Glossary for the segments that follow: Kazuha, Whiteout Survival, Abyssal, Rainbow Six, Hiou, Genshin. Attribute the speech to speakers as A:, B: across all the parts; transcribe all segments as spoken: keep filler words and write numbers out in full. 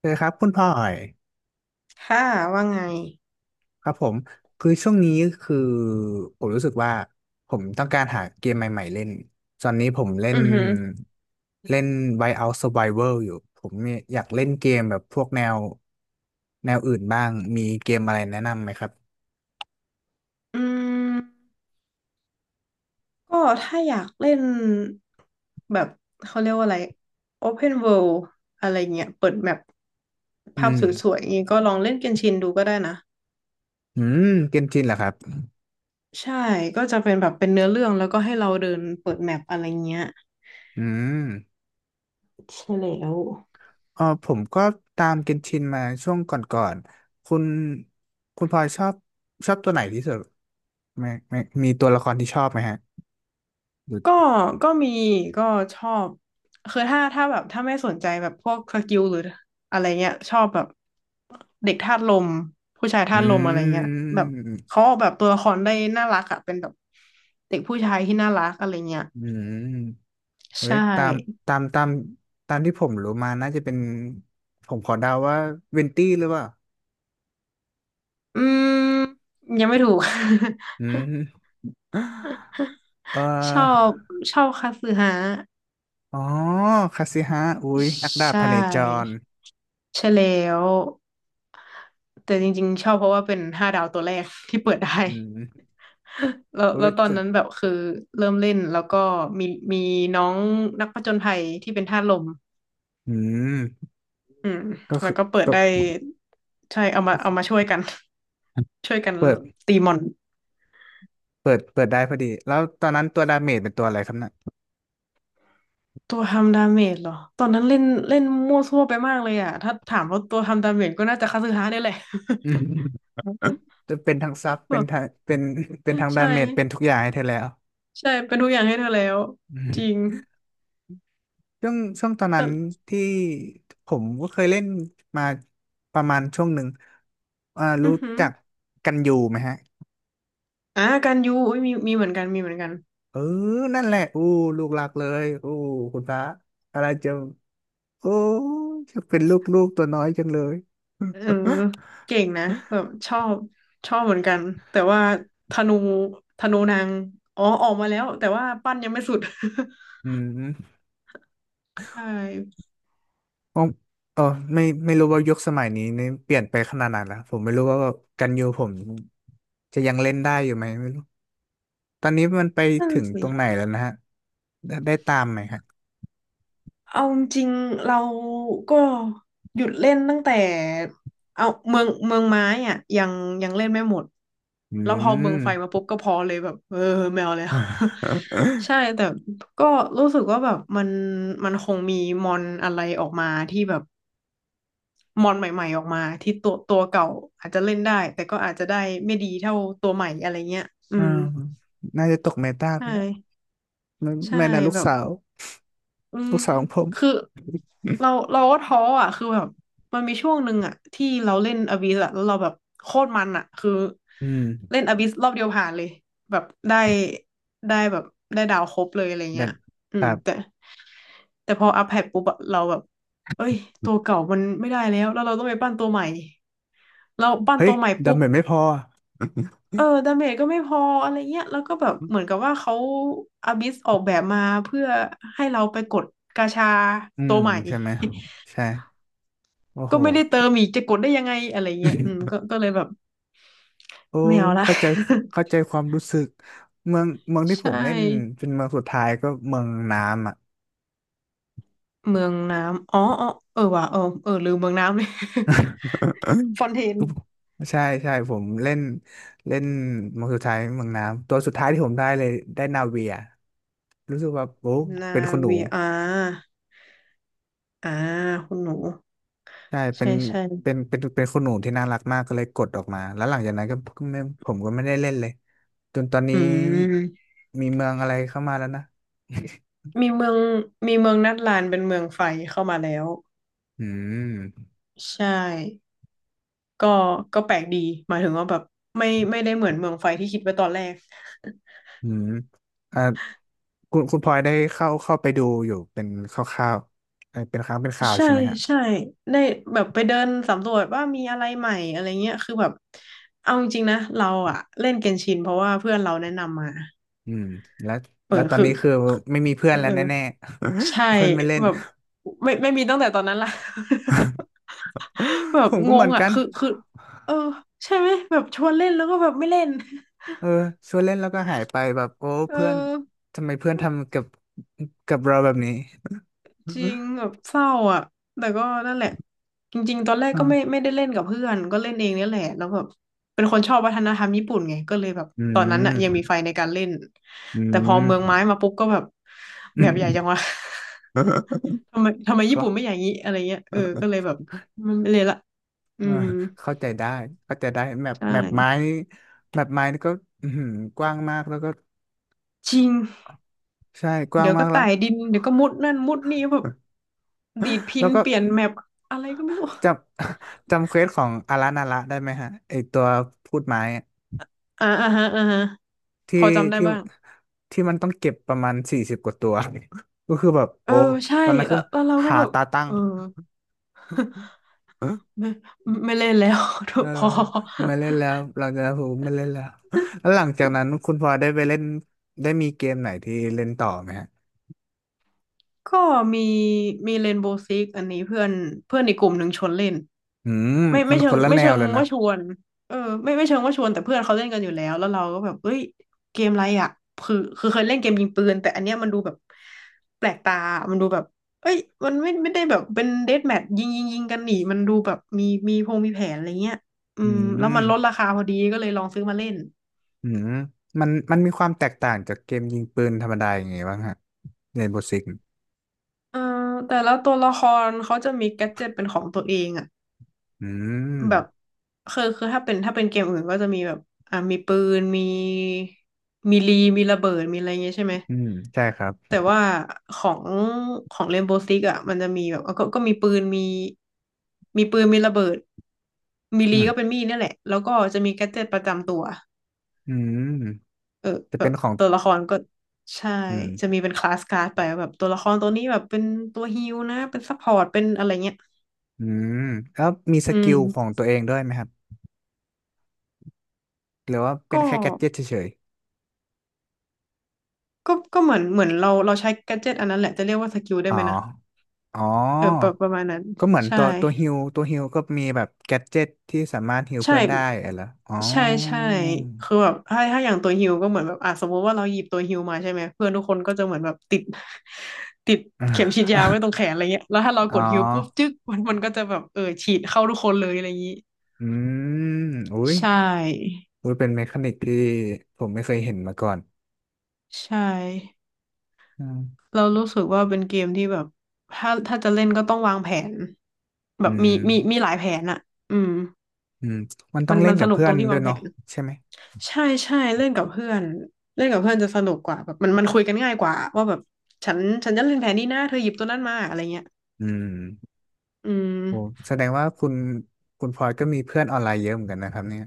A: เออครับคุณพ่อย
B: ค่ะว่าไง
A: ครับผมคือช่วงนี้คือผมรู้สึกว่าผมต้องการหาเกมใหม่ๆเล่นตอนนี้ผมเล่
B: อื
A: น
B: อหือ
A: เล่น Whiteout Survival อยู่ผมเนี่ยอยากเล่นเกมแบบพวกแนวแนวอื่นบ้างมีเกมอะไรแนะนำไหมครับ
B: อืมก็ถ้าอยากเล่นแบบเขาเรียกว่าอะไร Open World อะไรเงี้ย เปิดแมป
A: อื
B: ภาพ
A: ม
B: สวยๆอย่างงี้ก็ลองเล่นเกนชินดูก็ได้นะ
A: อืมเกนชินเหรอครับ
B: ใช่ ก็จะเป็นแบบเป็นเนื้อเรื่องแล้วก็ให้เราเดินเปิดแมปอะไรเงี้ย
A: อืม
B: ใช่แล้ว
A: อ๋อผมก็ตามเกนชินมาช่วงก่อนๆคุณคุณพลอยชอบชอบตัวไหนที่สุดไหมไม่มีตัวละครที่ชอบไหมฮะ
B: ก็ก็มีก็ชอบคือถ้าถ้าแบบถ้าไม่สนใจแบบพวกสกิลหรืออะไรเงี้ยชอบแบบเด็กธาตุลมผู้ชาย
A: อื
B: ธาตุลมอะไรเงี้ยแบบ
A: ม
B: เขาออกแบบตัวละครได้น่ารักอะเป็นแบบเด็กผู้ชายที่น่ารักอะไรเงี้ย
A: อืมเฮ้
B: ใช่
A: ยตามตามตามตามที่ผมรู้มาน่าจะเป็นผมขอเดาว่าเวนตี้หรือเปล่า
B: อืมยังไม่ถูก
A: อืม เอ่
B: ชอ
A: อ
B: บชอบคาสึฮะ
A: อ๋อคาสิฮะอุ้ยนักดา
B: ใช
A: บพเนจ
B: ่
A: ร
B: ใช่แล้วแต่จริงๆชอบเพราะว่าเป็นห้าดาวตัวแรกที่เปิดได้
A: อืม
B: แล้ว
A: อุ้
B: แล้
A: ย
B: วตอน
A: จะ
B: นั้นแบบคือเริ่มเล่น แล้วก็มีมีน้องนักผจญภัยที่เป็นธาตุลม
A: อืม
B: อืม
A: ก็
B: แล้
A: คื
B: ว
A: อ
B: ก็เปิ
A: ต
B: ด
A: ก
B: ได้ใช่เอามา
A: ก็
B: เอา
A: คือ
B: มาช่วยกัน ช่วยกัน
A: เปิด
B: ตีมอน
A: เปิดเปิดได้พอดีแล้วตอนนั้นตัวดาเมจเป็นตัวอะไรครับน่ะ
B: ตัวทำดาเมจเหรอ ตอนนั้นเล่นเล่นมั่วซั่วไปมากเลยอ่ะ ถ้าถามว่าตัวทำดาเมจก็น่าจะคาสึฮะเนี่ยแหละ
A: อืมจะเป็นทั้งซับ
B: แบ
A: เป็น
B: บ
A: ทั้งเป็นเป็นทั้งดา
B: ใช่
A: เมจเป็นทุกอย่างให้เธอแล้ว
B: ใช่เป็นทุกอย่างให้เธอแล้วจริง
A: ช่วงช่วงตอนนั้น
B: แต่
A: ที่ผมก็เคยเล่นมาประมาณช่วงหนึ่งอ่า
B: อื
A: รู้
B: อหือ
A: จักกันอยู่ไหมฮะ
B: อ่ะการยูอุ๊ยมีมีเหมือนกันมีเหมือนกัน
A: เออนั่นแหละอู้ลูกรักเลยอู้คุณพระอะไรจะโอ้จะเป็นลูกลูกตัวน้อยจังเลย
B: เออเก่งนะแบบชอบชอบเหมือนกันแต่ว่าธนูธนูนางอ๋อออกมาแล้วแต่ว่าปั้นยังไม่สุด
A: อืม
B: ใช่
A: อ๋อเออไม่ไม่รู้ว่ายุคสมัยนี้นี่เปลี่ยนไปขนาดไหนแล้วผมไม่รู้ว่ากันยูผมจะยังเล่นได้อยู่ไหมไม่รู้ตอนนี้มันไป
B: นั่น
A: ถึงตรงไหน
B: สิ
A: แล้วนะฮะได้ได้ตามไหมฮะ
B: เอาจริงๆเราก็หยุดเล่นตั้งแต่เอาเมืองเมืองไม้อ่ะยังยังเล่นไม่หมด
A: อื
B: แล้วพอเมืองไฟมา
A: ม
B: ปุ๊บก็พอเลยแบบเออแมวแล้ว ใช่แต่ก็รู้สึกว่าแบบมันมันคงมีมอนอะไรออกมาที่แบบ มอนใหม่ๆออกมาที่ตัวตัวเก่าอาจจะเล่นได้แต่ก็อาจจะได้ไม่ดีเท่าตัวใหม่อะไรเงี้ยอื
A: อ่า
B: ม
A: น่าจะตกเมตา
B: ใช
A: ไปแล้ว
B: ่
A: ไม่
B: ใช่
A: ไม่นะลูก
B: แบบ
A: สาว
B: อื
A: ลู
B: ม
A: กสาวของผม
B: คือเราเราก็ท้ออ่ะคือแบบมันมีช่วงหนึ่งอ่ะที่เราเล่นอบิสอ่ะแล้วเราแบบโคตรมันอ่ะคือ
A: อืม
B: เล่นอบิสรอบเดียวผ่านเลยแบบได้ได้แบบได้ดาวครบเลยอะไร
A: แต่
B: เงี้ยอื
A: ค
B: ม
A: รับ
B: แต่แต่พออัพแพทปุ๊บอะเราแบบเอ้ยตัวเก่ามันไม่ได้แล้วแล้วเราต้องไปปั้นตัวใหม่เราปั้น
A: เฮ้ย
B: ตัวใหม่
A: ดำ
B: ปุ๊บ
A: เหมือนไม่พอ
B: เออดาเมจก็ไม่พออะไรเงี้ยแล้วก็แบบเหมือนกับว่าเขาอาบิสออกแบบมาเพื่อให้เราไปกดกาชา
A: อื
B: ตั
A: ม
B: วใหม่
A: ใช่ไหม ใช่โอ้โห
B: ก็ไม่ได้เติมอีกจะกดได้ยังไงอะไรเงี้ยอืมก็ ก็เลยแบบ
A: โอ้
B: ไม่เอา
A: ย
B: ละ
A: เข้าใจเข้าใจความรู้สึกเมืองเมือง ที่ผ
B: ใช่
A: มเล่นเป็นเมืองสุดท้ายก็เมืองน้ำอ่ะ
B: เมืองน้ำอ๋ออ๋อเออว่ะเออเออลืมเมืองน้ำเลย ฟอ นเทน
A: ใช่ใช่ผมเล่นเล่นเมืองสุดท้ายเมืองน้ำตัวสุดท้ายที่ผมได้เลยได้นาเวีย รู้สึกแบบโอ้
B: นา
A: เป็นคนหนู
B: วีอาอ่าคุณหนู
A: ใช่เป็
B: ใช่
A: น
B: ใช่
A: เป็นเป็นเป็นคนหนูที่น่ารักมากก็เลยกดออกมาแล้วหลังจากนั้นก็ก็ไม่ผมก็ไม่ได้เล่นเลยจนตอนนี้
B: อืม
A: มีเมืองอะไรเข้ามาแล้วนะ
B: มีเมืองมีเมืองนัดลานเป็นเมืองไฟเข้ามาแล้ว
A: อืม
B: ใช่ ก็ก็แปลกดีหมายถึงว่าแบบไม่ไม่ได้เหมือนเมืองไฟที่คิดไว้ตอนแรก
A: อืมอ่าคุณคุณพลอยได้เข้าเข้าไปดูอยู่เป็นคร่าวๆเอ่อเป็นครั้งเป็นครา ว
B: ใช่
A: ใช่ไหมฮะ
B: ใช่ได้แบบไปเดินสำรวจว่ามีอะไรใหม่อะไรเงี้ยคือแบบเอาจริงๆนะเราอะเล่นเกนชินเพราะว่าเพื่อนเราแนะนำมา
A: อืมแล้ว
B: เออ
A: แล้วตอน
B: คือ
A: นี้คือไม่มีเพื่อ
B: เอ
A: น
B: อ
A: แล้วแน่ๆ
B: ใช่
A: เพื่อนไม่เล่น
B: แบบไม่ไม่มีตั้งแต่ตอนนั้นละ แบ
A: ผ
B: บ
A: มก็
B: ง
A: เหมื
B: ง
A: อน
B: อะ
A: กัน
B: คือคือเออใช่ไหมแบบชวนเล่นแล้วก็แบบไม่เล่น
A: เออชวนเล่นแล้วก็หายไปแบบโอ้
B: เออ
A: เพื่อนทำไมเพื่อนทำกับกับเราแบบนี้
B: จริงแบบเศร้าอ่ะแต่ก็นั่นแหละจริงๆตอนแร ก
A: อ่า
B: ก็ไม่ไม่ได้เล่นกับเพื่อนก็เล่นเองนี่แหละแล้วแบบเป็นคนชอบวัฒนธรรมญี่ปุ่นไงก็เลยแบบ
A: อื
B: ตอนนั้น
A: ม
B: อ่ะยัง มีไฟในการเล่น
A: อื
B: แต่พอ
A: ม
B: เมืองไม้มาปุ๊บก็แบบแบบใหญ่จังวะ ทำไมทำไมญี่
A: ก็
B: ปุ่นไม่อย่างนี้อะไรเงี้ยเออก็เลยแบบมันไม่เลยละอื
A: เออ
B: ม
A: เข้าใจได้เข้าใจได้แมป
B: ใช่
A: แมปไม้นี่แมปไม้นี่ก็อื้อหือกว้างมากแล้วก็
B: จริง
A: ใช่กว้าง
B: เดี๋ยว
A: มา
B: ก็
A: กแล้ว
B: ไต่ดินเดี๋ยวก็มุดนั่นมุดนี่แบบ ดีดพิ
A: แล้
B: น
A: วก็
B: เปลี่ยนแมปอะไรก็ไม่รู้
A: จำ จำเควสของอารานาระได้ไหมฮะไอตัวพูดไม้
B: อ่าอ่าฮะอ่าฮะพ
A: ที่
B: อจำได้
A: ที่
B: บ้าง
A: ที่มันต้องเก็บประมาณสี่สิบกว่าตัว ก็คือแบบ
B: เอ
A: โอ้
B: อใช่
A: ตอนนั้นคื
B: แล้
A: อ
B: วแล้วเราก็
A: หา
B: แบบ
A: ตาตั้ง
B: เออ ไม่ไม่เล่นแล้ว
A: เออ
B: พอ
A: ไม่เล่นแล้วเราจะหูไม่เล่นแล้ว แล้วหลังจากนั้นคุณพลอยได้ไปเล่นได้มีเกมไหนที่เล่นต่อไหมฮะ
B: ก็มีมีเรนโบว์ซิกอันนี้เพื่อนเพื่อนอีกกลุ่มหนึ่งชวนเล่น
A: อืม
B: ไม่
A: มั
B: ไม่
A: น
B: เชิ
A: ค
B: ง
A: นละ
B: ไม่
A: แน
B: เชิ
A: ว
B: ง
A: เลยนะ
B: ว่าชวนเออไม่ไม่เชิงว่าชวนแต่เพื่อนเขาเล่นกันอยู่แล้วแล้วเราก็แบบเอ้ยเกมอะไรอ่ะคือคือเคยเล่นเกมยิงปืนแต่อันเนี้ยมันดูแบบแปลกตา มันดูแบบเอ้ยมันไม่ไม่ได้แบบเป็นเดธแมทยิงยิงยิงกันหนีมันดูแบบมีมีพงมีแผนอะไรเงี้ยอื
A: อื
B: มแล้ว
A: ม
B: มันลดราคาพอดีก็เลยลองซื้อมาเล่น
A: อืมมันมันมีความแตกต่างจากเกมยิงปืนธรรมดาอย่างไงบ้างฮะเรนโบว์ซิก
B: เอ่อแต่ละตัวละครเขาจะมีแกดเจ็ตเป็นของตัวเองอ่ะ
A: อืม
B: แบบคือคือถ้าเป็นถ้าเป็นเกมอื่นก็จะมีแบบอ่ามีปืนมีมีลีมีระเบิดมีอะไรเงี้ยใช่ไหม
A: อืมใช่ครับ
B: แต่ว่าของของเรนโบว์ซิกอ่ะมันจะมีแบบก็ก็มีปืนมีมีปืนมีระเบิดมี
A: อื
B: ลีก็เป็
A: ม
B: นมีดเนี่ยแหละแล้วก็จะมีแกดเจ็ตประจำตัว
A: อืม
B: เออ
A: จะ
B: แบ
A: เป็
B: บ
A: นของ
B: ตัวละครก็ใช่
A: อื
B: จะ
A: ม
B: มีเป็นคลาสการ์ดไปว่าแบบตัวละครตัวนี้แบบเป็นตัวฮีลนะเป็นซัพพอร์ตเป็นอะไรเงี้ย
A: อืมแล้วมีส
B: อื
A: กิ
B: ม
A: ลของตัวเองด้วยไหมครับหรือว่าเป็
B: ก็
A: นแค่แกดเจ็ตเฉย
B: ก็ก็เหมือนเหมือนเราเราใช้แกดเจ็ตอันนั้นแหละจะเรียกว่าสกิล
A: ๆ
B: ได้
A: อ๋อ
B: ไหมนะ
A: อ๋อ
B: เออประประมาณนั้น
A: ก็เหมือน
B: ใช่
A: ตัวตัวฮิวตัวฮิวก็มีแบบแกดเจ็ตที่สามารถฮิว
B: ใช่
A: เพื่อนได้อะไรเหรออ๋อ
B: ใช่ใช่คือแบบถ้าถ้าอย่าง ตัวฮิวก็เหมือนแบบอ่ะสมมติว่าเราหยิบตัวฮิวมาใช่ไหม เพื่อน ทุกคน ก็จะเหมือนแบบติด ติด เข็มฉีด
A: อ่ะ
B: ยาไว้ตรงแขนอะไรเงี้ยแล้วถ้าเรา
A: อ๋อ
B: กดฮิวปุ๊บจึ๊กมันมันก็จะแบบเออฉีดเข้าทุกคนเลยอะไรอย่างนี้
A: อืมอุ้ย
B: ใช่
A: อุ้ยเป็นเมคานิกที่ผมไม่เคยเห็นมาก่อน
B: ใช่
A: อืม
B: เรารู้สึกว่าเป็นเกมที่แบบถ้าถ้าจะเล่นก็ต้องวางแผนแบ
A: อื
B: บมี
A: ม
B: มีมีหลายแผนอะอืม
A: อืมมันต้อ
B: มั
A: ง
B: น
A: เล่
B: มั
A: น
B: นส
A: กับ
B: นุก
A: เพื่อ
B: ตร
A: น
B: งที่
A: ด้ว
B: วา
A: ย
B: งแผ
A: เนาะ
B: น
A: ใช่ไหม
B: ใช่ใช่เล่นกับเพื่อนเล่นกับเพื่อนจะสนุกกว่าแบบมันมันคุยกันง่ายกว่าว่าแบบฉันฉันจะเล่นแผนนี้นะเธอหยิบตัวนั้นมาอะไรเงี้ย
A: อืม
B: อืม
A: โอ้แสดงว่าคุณคุณพลอยก็มีเพื่อนออนไลน์เยอะเหมือนกันนะครับเนี่ย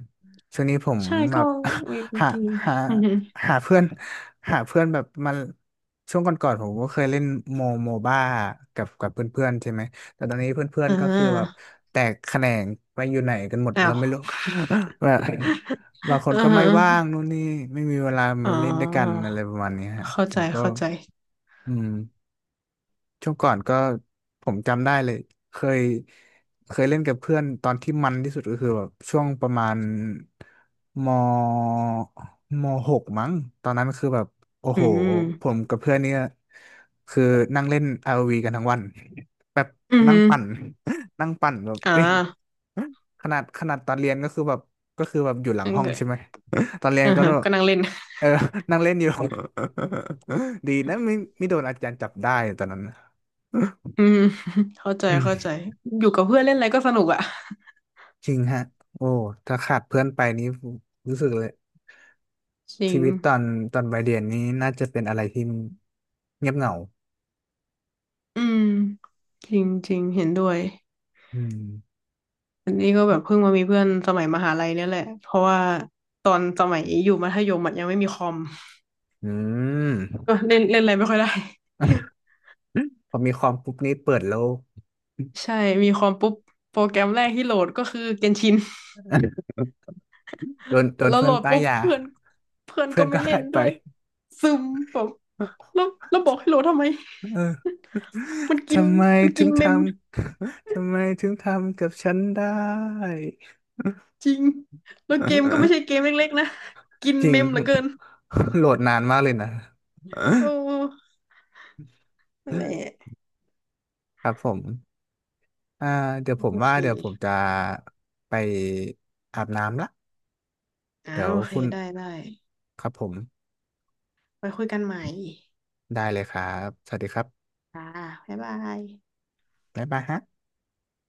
A: ช่วงนี้ผม
B: ใช่
A: แบ
B: ก็
A: บ
B: มีบา ง
A: หา
B: ที
A: หา
B: อือฮึ
A: หาเพื่อนหาเพื่อนแบบมาช่วงก่อนๆผมก็เคยเล่นโมโมบ้ากับกับเพื่อนๆใช่ไหมแต่ตอนนี้เพื่อน
B: อ่
A: ๆก็คือแบบ
B: า
A: แตกแขนงไปอยู่ไหนกันหมด
B: อ้า
A: เรา
B: ว
A: ไม่รู้ แบบบางค
B: อื
A: น
B: อ
A: ก็ไม่ว่า
B: ฮ
A: งนู่นนี่ไม่มีเวลา
B: อ๋อ
A: มาเล่นด้วยกันอะไรประมาณนี้ฮะ
B: เข้า
A: ผ
B: ใจ
A: มก็
B: เข้าใจ
A: อืม ช่วงก่อนก็ผมจำได้เลยเคยเคยเล่นกับเพื่อนตอนที่มันที่สุดก็คือแบบช่วงประมาณมมหกมั้งตอนนั้นคือแบบโอ้
B: อื
A: โหผ
B: ม
A: มกับเพื่อนเนี่ยคือนั่งเล่นอ o ีกันทั้งวันแบบ
B: อือ
A: นั่ง
B: ฮึ
A: ปั่น นั่งปั่นแบบ
B: อ่า
A: เอ้ย
B: ง
A: ขนาดขนาดตอนเรียนก็คือแบบก็คือแบบอยู่หลัง
B: ั้น
A: ห้อง
B: ก็
A: ใช่ไหม ตอนเรียน
B: อือ
A: ก็
B: ฮะ
A: แบบ
B: ก็นั่งเล่น
A: เออ นั่งเล่นอยู่ ดีนะไม่ไม่โดนอาจารย์จับได้ตอนนั้น
B: อืมเข้าใจ
A: อื
B: เข้าใจ
A: ม
B: อยู่กับเพื่อนเล่นอะไรก็สนุกอ่ะ
A: จริงฮะโอ้ถ้าขาดเพื่อนไปนี้รู้สึกเลย
B: จริ
A: ชี
B: ง
A: วิตตอนตอนวัยเรียนนี้น่าจะเป็นอะไรที่เงียบเหงา
B: อืมจริงจริงเห็นด้วย
A: อืม
B: อันนี้ก็แบบเพิ่งมามีเพื่อนสมัยมหาลัยเนี่ยแหละเพราะว่าตอนสมัยอยู่มัธยมอะยังไม่มีคอม
A: อืม
B: ก็เล่นเล่นอะไรไม่ค่อยได้
A: พอมีคอมปุ๊บนี้เปิดโลก
B: ใช่มีคอมปุ๊บโปรแกรมแรกที่โหลดก็คือเกนชิน
A: โดนโดน
B: แล้ว
A: เพื่
B: โหล
A: อน
B: ด
A: ป้าย
B: ปุ๊บ
A: ยา
B: เพื่อนเพื่อน
A: เพื่อ
B: ก็
A: นก็
B: ไม่เล่
A: หา
B: น
A: ยไป
B: ด้วยซึมแบบแล้วแล้วบอกให้โหลดทำไม
A: เออ
B: มันกิน
A: ทำไม
B: มัน
A: ถึ
B: กิน
A: งท
B: เมม
A: ำ ทำไมถึงทำกับฉันได้
B: จริงแล้วเกมก็ไม่ใช่เก มเล็กๆนะกิน
A: จริ
B: เม
A: ง
B: มเหลือเกิน
A: โหลดนานมากเลยนะ
B: โอ้นั่นแหละ
A: ครับผมอ่าเดี๋ยวผม
B: โอ
A: ว่า
B: เค
A: เดี๋ยวผมจะไปอาบน้ำละ
B: อ่า
A: เดี๋ยว
B: โอเค
A: คุณ
B: ได้ได้
A: ครับผม
B: ไปคุยกันใหม่
A: ได้เลยครับสวัสดีครับ
B: อ่าบ๊ายบาย
A: บ๊ายบายฮะ